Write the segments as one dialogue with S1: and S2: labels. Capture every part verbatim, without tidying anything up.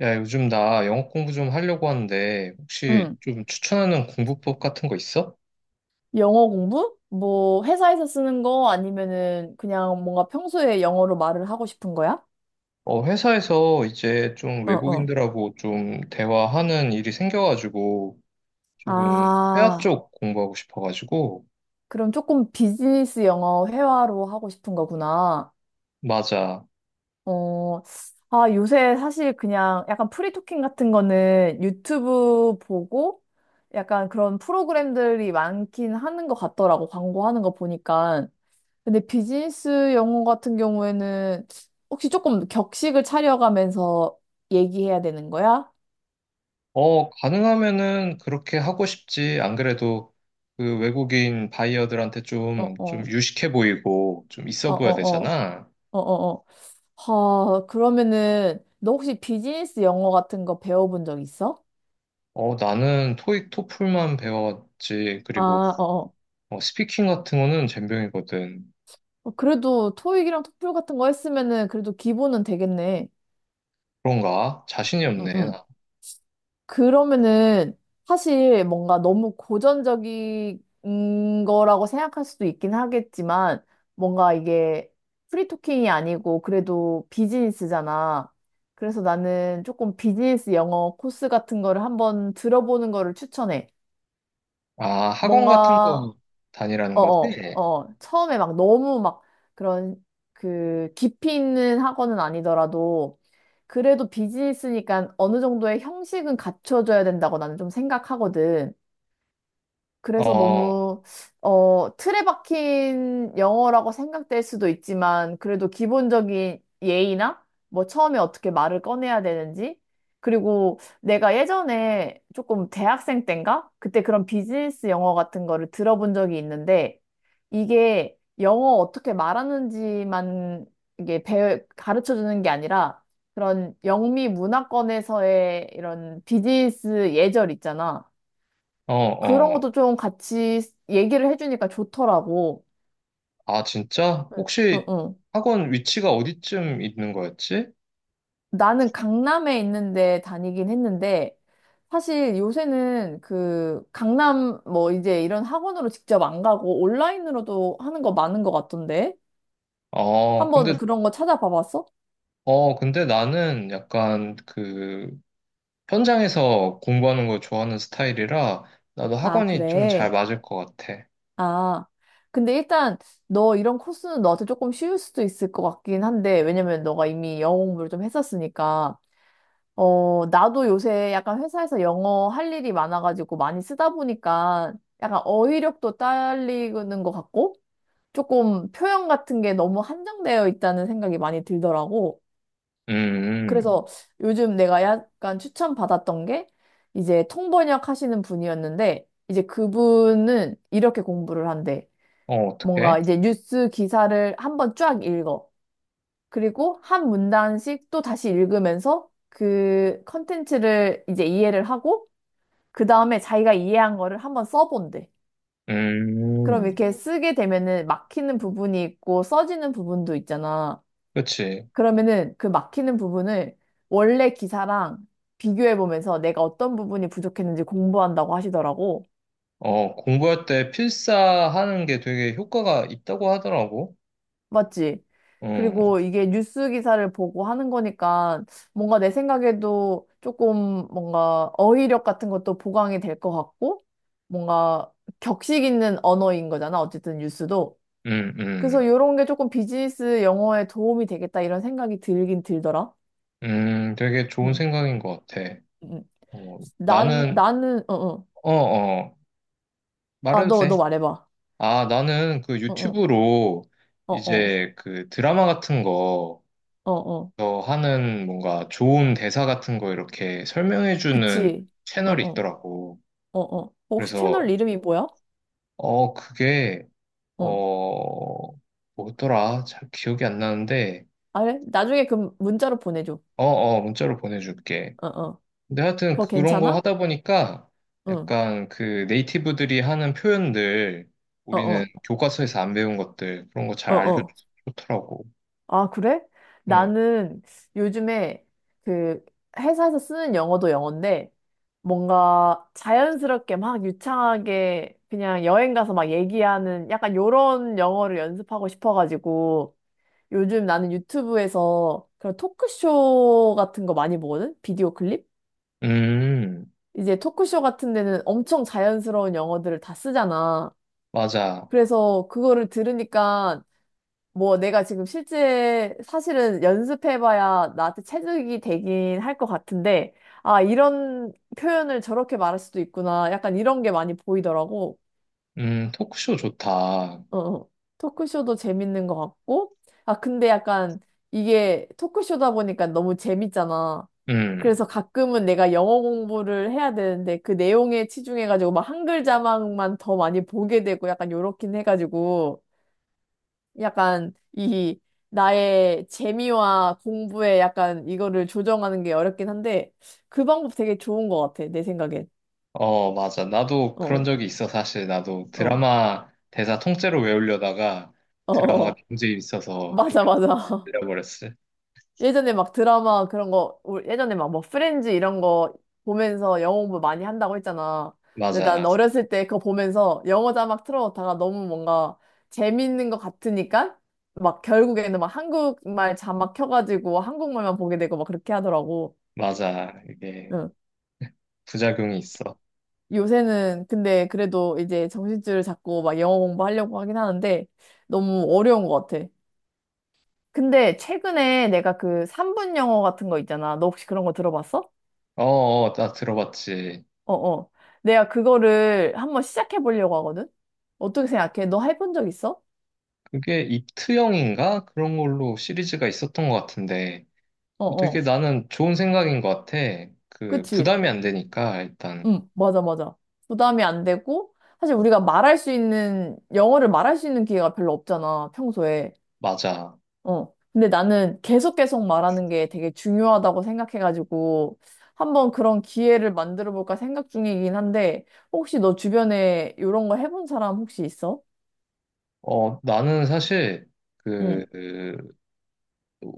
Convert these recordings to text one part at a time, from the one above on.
S1: 야, 요즘 나 영어 공부 좀 하려고 하는데, 혹시
S2: 응.
S1: 좀 추천하는 공부법 같은 거 있어?
S2: 영어 공부? 뭐 회사에서 쓰는 거 아니면은 그냥 뭔가 평소에 영어로 말을 하고 싶은 거야?
S1: 어, 회사에서 이제 좀
S2: 어, 어.
S1: 외국인들하고 좀 대화하는 일이 생겨가지고, 조금 회화
S2: 아,
S1: 쪽 공부하고 싶어가지고,
S2: 그럼 조금 비즈니스 영어 회화로 하고 싶은 거구나.
S1: 맞아.
S2: 어, 아, 요새 사실 그냥 약간 프리토킹 같은 거는 유튜브 보고 약간 그런 프로그램들이 많긴 하는 것 같더라고. 광고하는 거 보니까. 근데 비즈니스 영어 같은 경우에는 혹시 조금 격식을 차려가면서 얘기해야 되는 거야?
S1: 어, 가능하면은 그렇게 하고 싶지. 안 그래도 그 외국인 바이어들한테
S2: 어,
S1: 좀, 좀
S2: 어,
S1: 유식해 보이고, 좀
S2: 어,
S1: 있어
S2: 어,
S1: 보여야
S2: 어,
S1: 되잖아.
S2: 어, 어, 어. 하, 그러면은 너 혹시 비즈니스 영어 같은 거 배워본 적 있어?
S1: 어, 나는 토익, 토플만 배웠지.
S2: 아,
S1: 그리고
S2: 어,
S1: 어, 스피킹 같은 거는 젬병이거든.
S2: 어. 그래도 토익이랑 토플 같은 거 했으면은 그래도 기본은 되겠네.
S1: 그런가? 자신이
S2: 응,
S1: 없네,
S2: 응.
S1: 나.
S2: 그러면은 사실 뭔가 너무 고전적인 거라고 생각할 수도 있긴 하겠지만 뭔가 이게 프리토킹이 아니고 그래도 비즈니스잖아. 그래서 나는 조금 비즈니스 영어 코스 같은 거를 한번 들어보는 거를 추천해.
S1: 아, 학원 같은
S2: 뭔가
S1: 거 다니라는 거지?
S2: 어어, 어. 어. 처음에 막 너무 막 그런 그 깊이 있는 학원은 아니더라도 그래도 비즈니스니까 어느 정도의 형식은 갖춰줘야 된다고 나는 좀 생각하거든. 그래서
S1: 어,
S2: 너무, 어, 틀에 박힌 영어라고 생각될 수도 있지만, 그래도 기본적인 예의나, 뭐 처음에 어떻게 말을 꺼내야 되는지, 그리고 내가 예전에 조금 대학생 땐가? 그때 그런 비즈니스 영어 같은 거를 들어본 적이 있는데, 이게 영어 어떻게 말하는지만 이게 배, 가르쳐 주는 게 아니라, 그런 영미 문화권에서의 이런 비즈니스 예절 있잖아.
S1: 어,
S2: 그런
S1: 어.
S2: 것도 좀 같이 얘기를 해주니까 좋더라고.
S1: 아, 진짜?
S2: 응, 응.
S1: 혹시
S2: 응.
S1: 학원 위치가 어디쯤 있는 거였지?
S2: 나는 강남에 있는데 다니긴 했는데, 사실 요새는 그 강남 뭐 이제 이런 학원으로 직접 안 가고 온라인으로도 하는 거 많은 것 같던데?
S1: 어,
S2: 한번
S1: 근데,
S2: 그런 거 찾아봐 봤어?
S1: 어, 근데 나는 약간 그 현장에서 공부하는 걸 좋아하는 스타일이라 나도
S2: 아,
S1: 학원이 좀 잘
S2: 그래.
S1: 맞을 것 같아.
S2: 아. 근데 일단 너 이런 코스는 너한테 조금 쉬울 수도 있을 것 같긴 한데, 왜냐면 너가 이미 영어 공부를 좀 했었으니까. 어, 나도 요새 약간 회사에서 영어 할 일이 많아가지고 많이 쓰다 보니까 약간 어휘력도 딸리는 것 같고 조금 표현 같은 게 너무 한정되어 있다는 생각이 많이 들더라고.
S1: 음, 음.
S2: 그래서 요즘 내가 약간 추천받았던 게 이제 통번역 하시는 분이었는데 이제 그분은 이렇게 공부를 한대.
S1: 어,
S2: 뭔가
S1: 어떡해?
S2: 이제 뉴스 기사를 한번 쫙 읽어. 그리고 한 문단씩 또 다시 읽으면서 그 컨텐츠를 이제 이해를 하고 그 다음에 자기가 이해한 거를 한번 써본대. 그럼
S1: 음,
S2: 이렇게 쓰게 되면은 막히는 부분이 있고 써지는 부분도 있잖아.
S1: 그치.
S2: 그러면은 그 막히는 부분을 원래 기사랑 비교해보면서 내가 어떤 부분이 부족했는지 공부한다고 하시더라고.
S1: 어, 공부할 때 필사하는 게 되게 효과가 있다고 하더라고.
S2: 맞지?
S1: 어.
S2: 그리고 이게 뉴스 기사를 보고 하는 거니까 뭔가 내 생각에도 조금 뭔가 어휘력 같은 것도 보강이 될 것 같고 뭔가 격식 있는 언어인 거잖아. 어쨌든 뉴스도.
S1: 음,
S2: 그래서
S1: 음,
S2: 이런 게 조금 비즈니스 영어에 도움이 되겠다 이런 생각이 들긴 들더라.
S1: 음, 되게 좋은
S2: 응,
S1: 생각인 것 같아.
S2: 응. 응.
S1: 어,
S2: 난,
S1: 나는,
S2: 나는, 어, 어.
S1: 어, 어,
S2: 아,
S1: 말해도
S2: 너,
S1: 돼.
S2: 너 말해봐.
S1: 아, 나는 그
S2: 어, 어,
S1: 유튜브로
S2: 어, 어,
S1: 이제 그 드라마 같은 거,
S2: 어, 어.
S1: 어, 하는 뭔가 좋은 대사 같은 거 이렇게 설명해주는
S2: 그치. 어,
S1: 채널이
S2: 어,
S1: 있더라고.
S2: 어, 어. 어, 혹시
S1: 그래서,
S2: 채널 이름이 뭐야?
S1: 어, 그게,
S2: 어.
S1: 어, 뭐더라? 잘 기억이 안 나는데,
S2: 아, 그래? 나중에 그 문자로 보내줘.
S1: 어, 어, 문자로 보내줄게.
S2: 어, 어.
S1: 근데 하여튼
S2: 그거
S1: 그런 거
S2: 괜찮아?
S1: 하다 보니까
S2: 응.
S1: 약간 그 네이티브들이 하는 표현들
S2: 어,
S1: 우리는
S2: 어.
S1: 교과서에서 안 배운 것들 그런 거
S2: 어,
S1: 잘 알려줘서
S2: 어.
S1: 좋더라고.
S2: 아, 그래?
S1: 응.
S2: 나는 요즘에 그 회사에서 쓰는 영어도 영어인데 뭔가 자연스럽게 막 유창하게 그냥 여행 가서 막 얘기하는 약간 요런 영어를 연습하고 싶어가지고 요즘 나는 유튜브에서 그런 토크쇼 같은 거 많이 보거든? 비디오 클립?
S1: 음,
S2: 이제 토크쇼 같은 데는 엄청 자연스러운 영어들을 다 쓰잖아.
S1: 맞아.
S2: 그래서 그거를 들으니까 뭐 내가 지금 실제 사실은 연습해봐야 나한테 체득이 되긴 할 것 같은데 아, 이런 표현을 저렇게 말할 수도 있구나, 약간 이런 게 많이 보이더라고.
S1: 음, 토크쇼 좋다.
S2: 어, 어. 토크쇼도 재밌는 것 같고 아, 근데 약간 이게 토크쇼다 보니까 너무 재밌잖아.
S1: 음,
S2: 그래서 가끔은 내가 영어 공부를 해야 되는데 그 내용에 치중해가지고 막 한글 자막만 더 많이 보게 되고 약간 요렇긴 해가지고 약간 이 나의 재미와 공부에 약간 이거를 조정하는 게 어렵긴 한데 그 방법 되게 좋은 것 같아 내 생각엔.
S1: 어, 맞아. 나도 그런
S2: 어어어,
S1: 적이 있어, 사실. 나도
S2: 어,
S1: 드라마 대사 통째로 외우려다가
S2: 어, 어,
S1: 드라마가
S2: 어.
S1: 문제 있어서 그냥
S2: 맞아, 맞아.
S1: 들려버렸어.
S2: 예전에 막 드라마 그런 거 올 예전에 막 뭐 프렌즈 이런 거 보면서 영어 공부 많이 한다고 했잖아. 근데
S1: 맞아,
S2: 난 어렸을 때 그거 보면서 영어 자막 틀어놓다가 너무 뭔가 재밌는 것 같으니까 막 결국에는 막 한국말 자막 켜가지고 한국말만 보게 되고 막 그렇게 하더라고.
S1: 맞아. 이게
S2: 응.
S1: 부작용이 있어.
S2: 요새는 근데 그래도 이제 정신줄을 잡고 막 영어 공부하려고 하긴 하는데 너무 어려운 것 같아. 근데 최근에 내가 그 삼 분 영어 같은 거 있잖아. 너 혹시 그런 거 들어봤어?
S1: 어, 어, 나 들어봤지.
S2: 어어. 내가 그거를 한번 시작해 보려고 하거든? 어떻게 생각해? 너 해본 적 있어?
S1: 그게 입트형인가? 그런 걸로 시리즈가 있었던 것 같은데, 어, 되게
S2: 어어.
S1: 나는 좋은 생각인 것 같아. 그,
S2: 그치?
S1: 부담이 안 되니까, 일단,
S2: 응, 맞아, 맞아. 부담이 안 되고, 사실 우리가 말할 수 있는, 영어를 말할 수 있는 기회가 별로 없잖아, 평소에.
S1: 맞아.
S2: 어. 근데 나는 계속 계속 말하는 게 되게 중요하다고 생각해가지고 한번 그런 기회를 만들어 볼까 생각 중이긴 한데 혹시 너 주변에 이런 거 해본 사람 혹시 있어?
S1: 어, 나는 사실, 그,
S2: 응.
S1: 그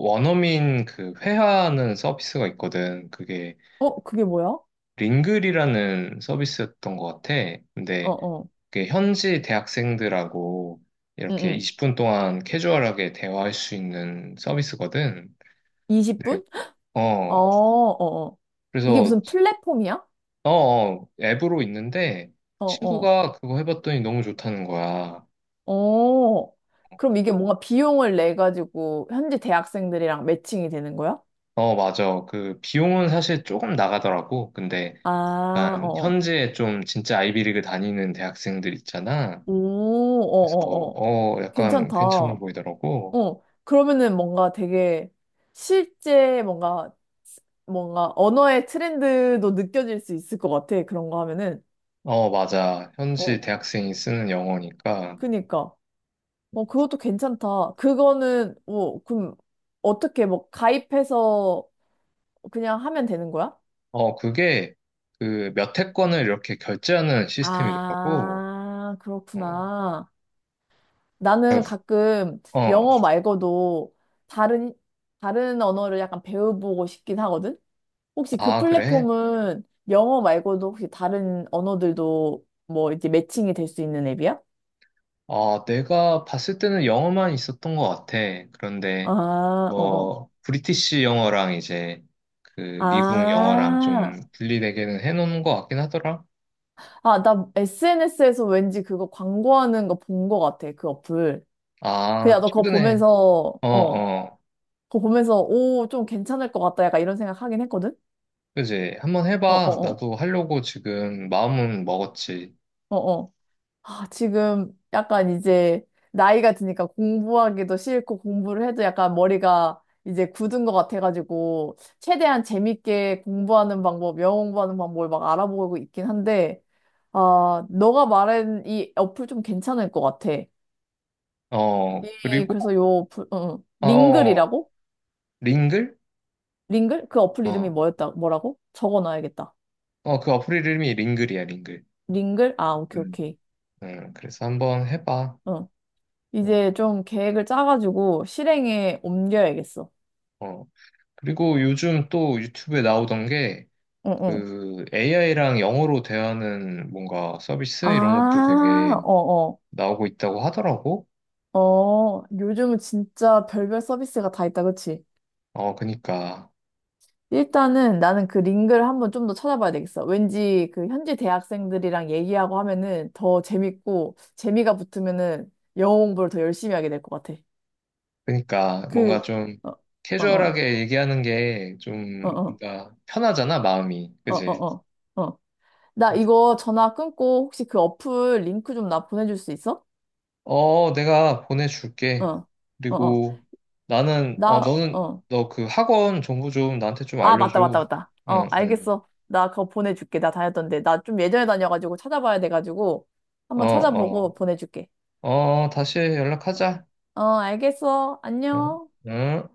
S1: 원어민 그 회화하는 서비스가 있거든. 그게
S2: 어, 그게 뭐야? 어,
S1: 링글이라는 서비스였던 것 같아. 근데,
S2: 어.
S1: 그게 현지 대학생들하고
S2: 응,
S1: 이렇게
S2: 응.
S1: 이십 분 동안 캐주얼하게 대화할 수 있는 서비스거든. 네.
S2: 이십 분? 어,
S1: 어,
S2: 어, 어. 이게
S1: 그래서
S2: 무슨 플랫폼이야?
S1: 어, 어, 앱으로 있는데
S2: 어, 어.
S1: 친구가 그거 해봤더니 너무 좋다는 거야.
S2: 어. 그럼 이게 뭔가 비용을 내 가지고 현지 대학생들이랑 매칭이 되는 거야?
S1: 어, 맞아. 그 비용은 사실 조금 나가더라고. 근데
S2: 아, 어.
S1: 약간
S2: 어.
S1: 현지에 좀 진짜 아이비리그 다니는 대학생들 있잖아.
S2: 오,
S1: 그래서
S2: 어, 어, 어.
S1: 어, 약간
S2: 괜찮다.
S1: 괜찮아
S2: 어,
S1: 보이더라고.
S2: 그러면은 뭔가 되게 실제 뭔가, 뭔가 언어의 트렌드도 느껴질 수 있을 것 같아. 그런 거 하면은.
S1: 어, 맞아. 현지
S2: 어,
S1: 대학생이 쓰는 영어니까.
S2: 그니까. 어, 그것도 괜찮다. 그거는, 어, 그럼 어떻게 뭐 가입해서 그냥 하면 되는 거야?
S1: 어, 그게 그 몇 회권을 이렇게 결제하는 시스템이더라고.
S2: 아,
S1: 어,
S2: 그렇구나.
S1: 그,
S2: 나는 가끔
S1: 어,
S2: 영어 말고도 다른, 다른 언어를 약간 배워보고 싶긴 하거든? 혹시 그
S1: 아, 그래?
S2: 플랫폼은 영어 말고도 혹시 다른 언어들도 뭐 이제 매칭이 될 수 있는 앱이야?
S1: 아, 내가 봤을 때는 영어만 있었던 것 같아. 그런데
S2: 아, 어어.
S1: 뭐 브리티시 영어랑 이제 그 미국
S2: 아,
S1: 영어랑 좀 분리되게는 해놓은 것 같긴 하더라.
S2: 아, 나 에스엔에스에서 왠지 그거 광고하는 거 본 거 같아, 그 어플. 그냥
S1: 아,
S2: 너 그거
S1: 최근에
S2: 보면서,
S1: 어,
S2: 어,
S1: 어,
S2: 그거 보면서, 오, 좀 괜찮을 것 같다, 약간 이런 생각 하긴 했거든?
S1: 그지. 한번 해봐.
S2: 어어어,
S1: 나도 하려고 지금 마음은 먹었지.
S2: 어어. 아, 지금 약간 이제 나이가 드니까 공부하기도 싫고 공부를 해도 약간 머리가 이제 굳은 것 같아가지고 최대한 재밌게 공부하는 방법, 영어 공부하는 방법을 막 알아보고 있긴 한데 아, 너가 말한 이 어플 좀 괜찮을 것 같아. 이-
S1: 어, 그리고
S2: 그래서 요 어플, 응, 응.
S1: 어, 어,
S2: 링글이라고?
S1: 링글?
S2: 링글? 그 어플 이름이
S1: 어,
S2: 뭐였다, 뭐라고? 적어놔야겠다.
S1: 어, 그 어플 이름이 링글이야, 링글.
S2: 링글? 아, 오케이,
S1: 음,
S2: 오케이.
S1: 음, 그래서 한번 해봐.
S2: 응.
S1: 음,
S2: 이제 좀 계획을 짜가지고 실행에 옮겨야겠어.
S1: 어. 그리고 요즘 또 유튜브에 나오던 게
S2: 응, 응.
S1: 그 에이아이랑 영어로 대하는 뭔가 서비스 이런 것도
S2: 아,
S1: 되게
S2: 어어.
S1: 나오고 있다고 하더라고.
S2: 어, 어, 요즘은 진짜 별별 서비스가 다 있다, 그치?
S1: 어, 그니까.
S2: 일단은 나는 그 링크를 한번 좀 더 찾아봐야 되겠어. 왠지 그 현지 대학생들이랑 얘기하고 하면은 더 재밌고, 재미가 붙으면은 영어 공부를 더 열심히 하게 될 것 같아.
S1: 그니까 뭔가
S2: 그,
S1: 좀
S2: 어, 어, 어,
S1: 캐주얼하게 얘기하는 게 좀
S2: 어,
S1: 뭔가 편하잖아, 마음이.
S2: 어, 어,
S1: 그지?
S2: 어, 어. 어. 나
S1: 응.
S2: 이거 전화 끊고 혹시 그 어플 링크 좀 나 보내줄 수 있어?
S1: 어, 내가
S2: 어,
S1: 보내줄게.
S2: 어, 어.
S1: 그리고 나는, 어,
S2: 나,
S1: 너는,
S2: 어.
S1: 너 그 학원 정보 좀 나한테 좀
S2: 아, 맞다,
S1: 알려줘.
S2: 맞다, 맞다. 어,
S1: 응, 응.
S2: 알겠어. 나 그거 보내줄게. 나 다녔던데. 나 좀 예전에 다녀가지고 찾아봐야 돼가지고
S1: 어,
S2: 한번 찾아보고
S1: 어.
S2: 보내줄게.
S1: 어, 다시 연락하자.
S2: 어, 알겠어.
S1: 응,
S2: 안녕.
S1: 응.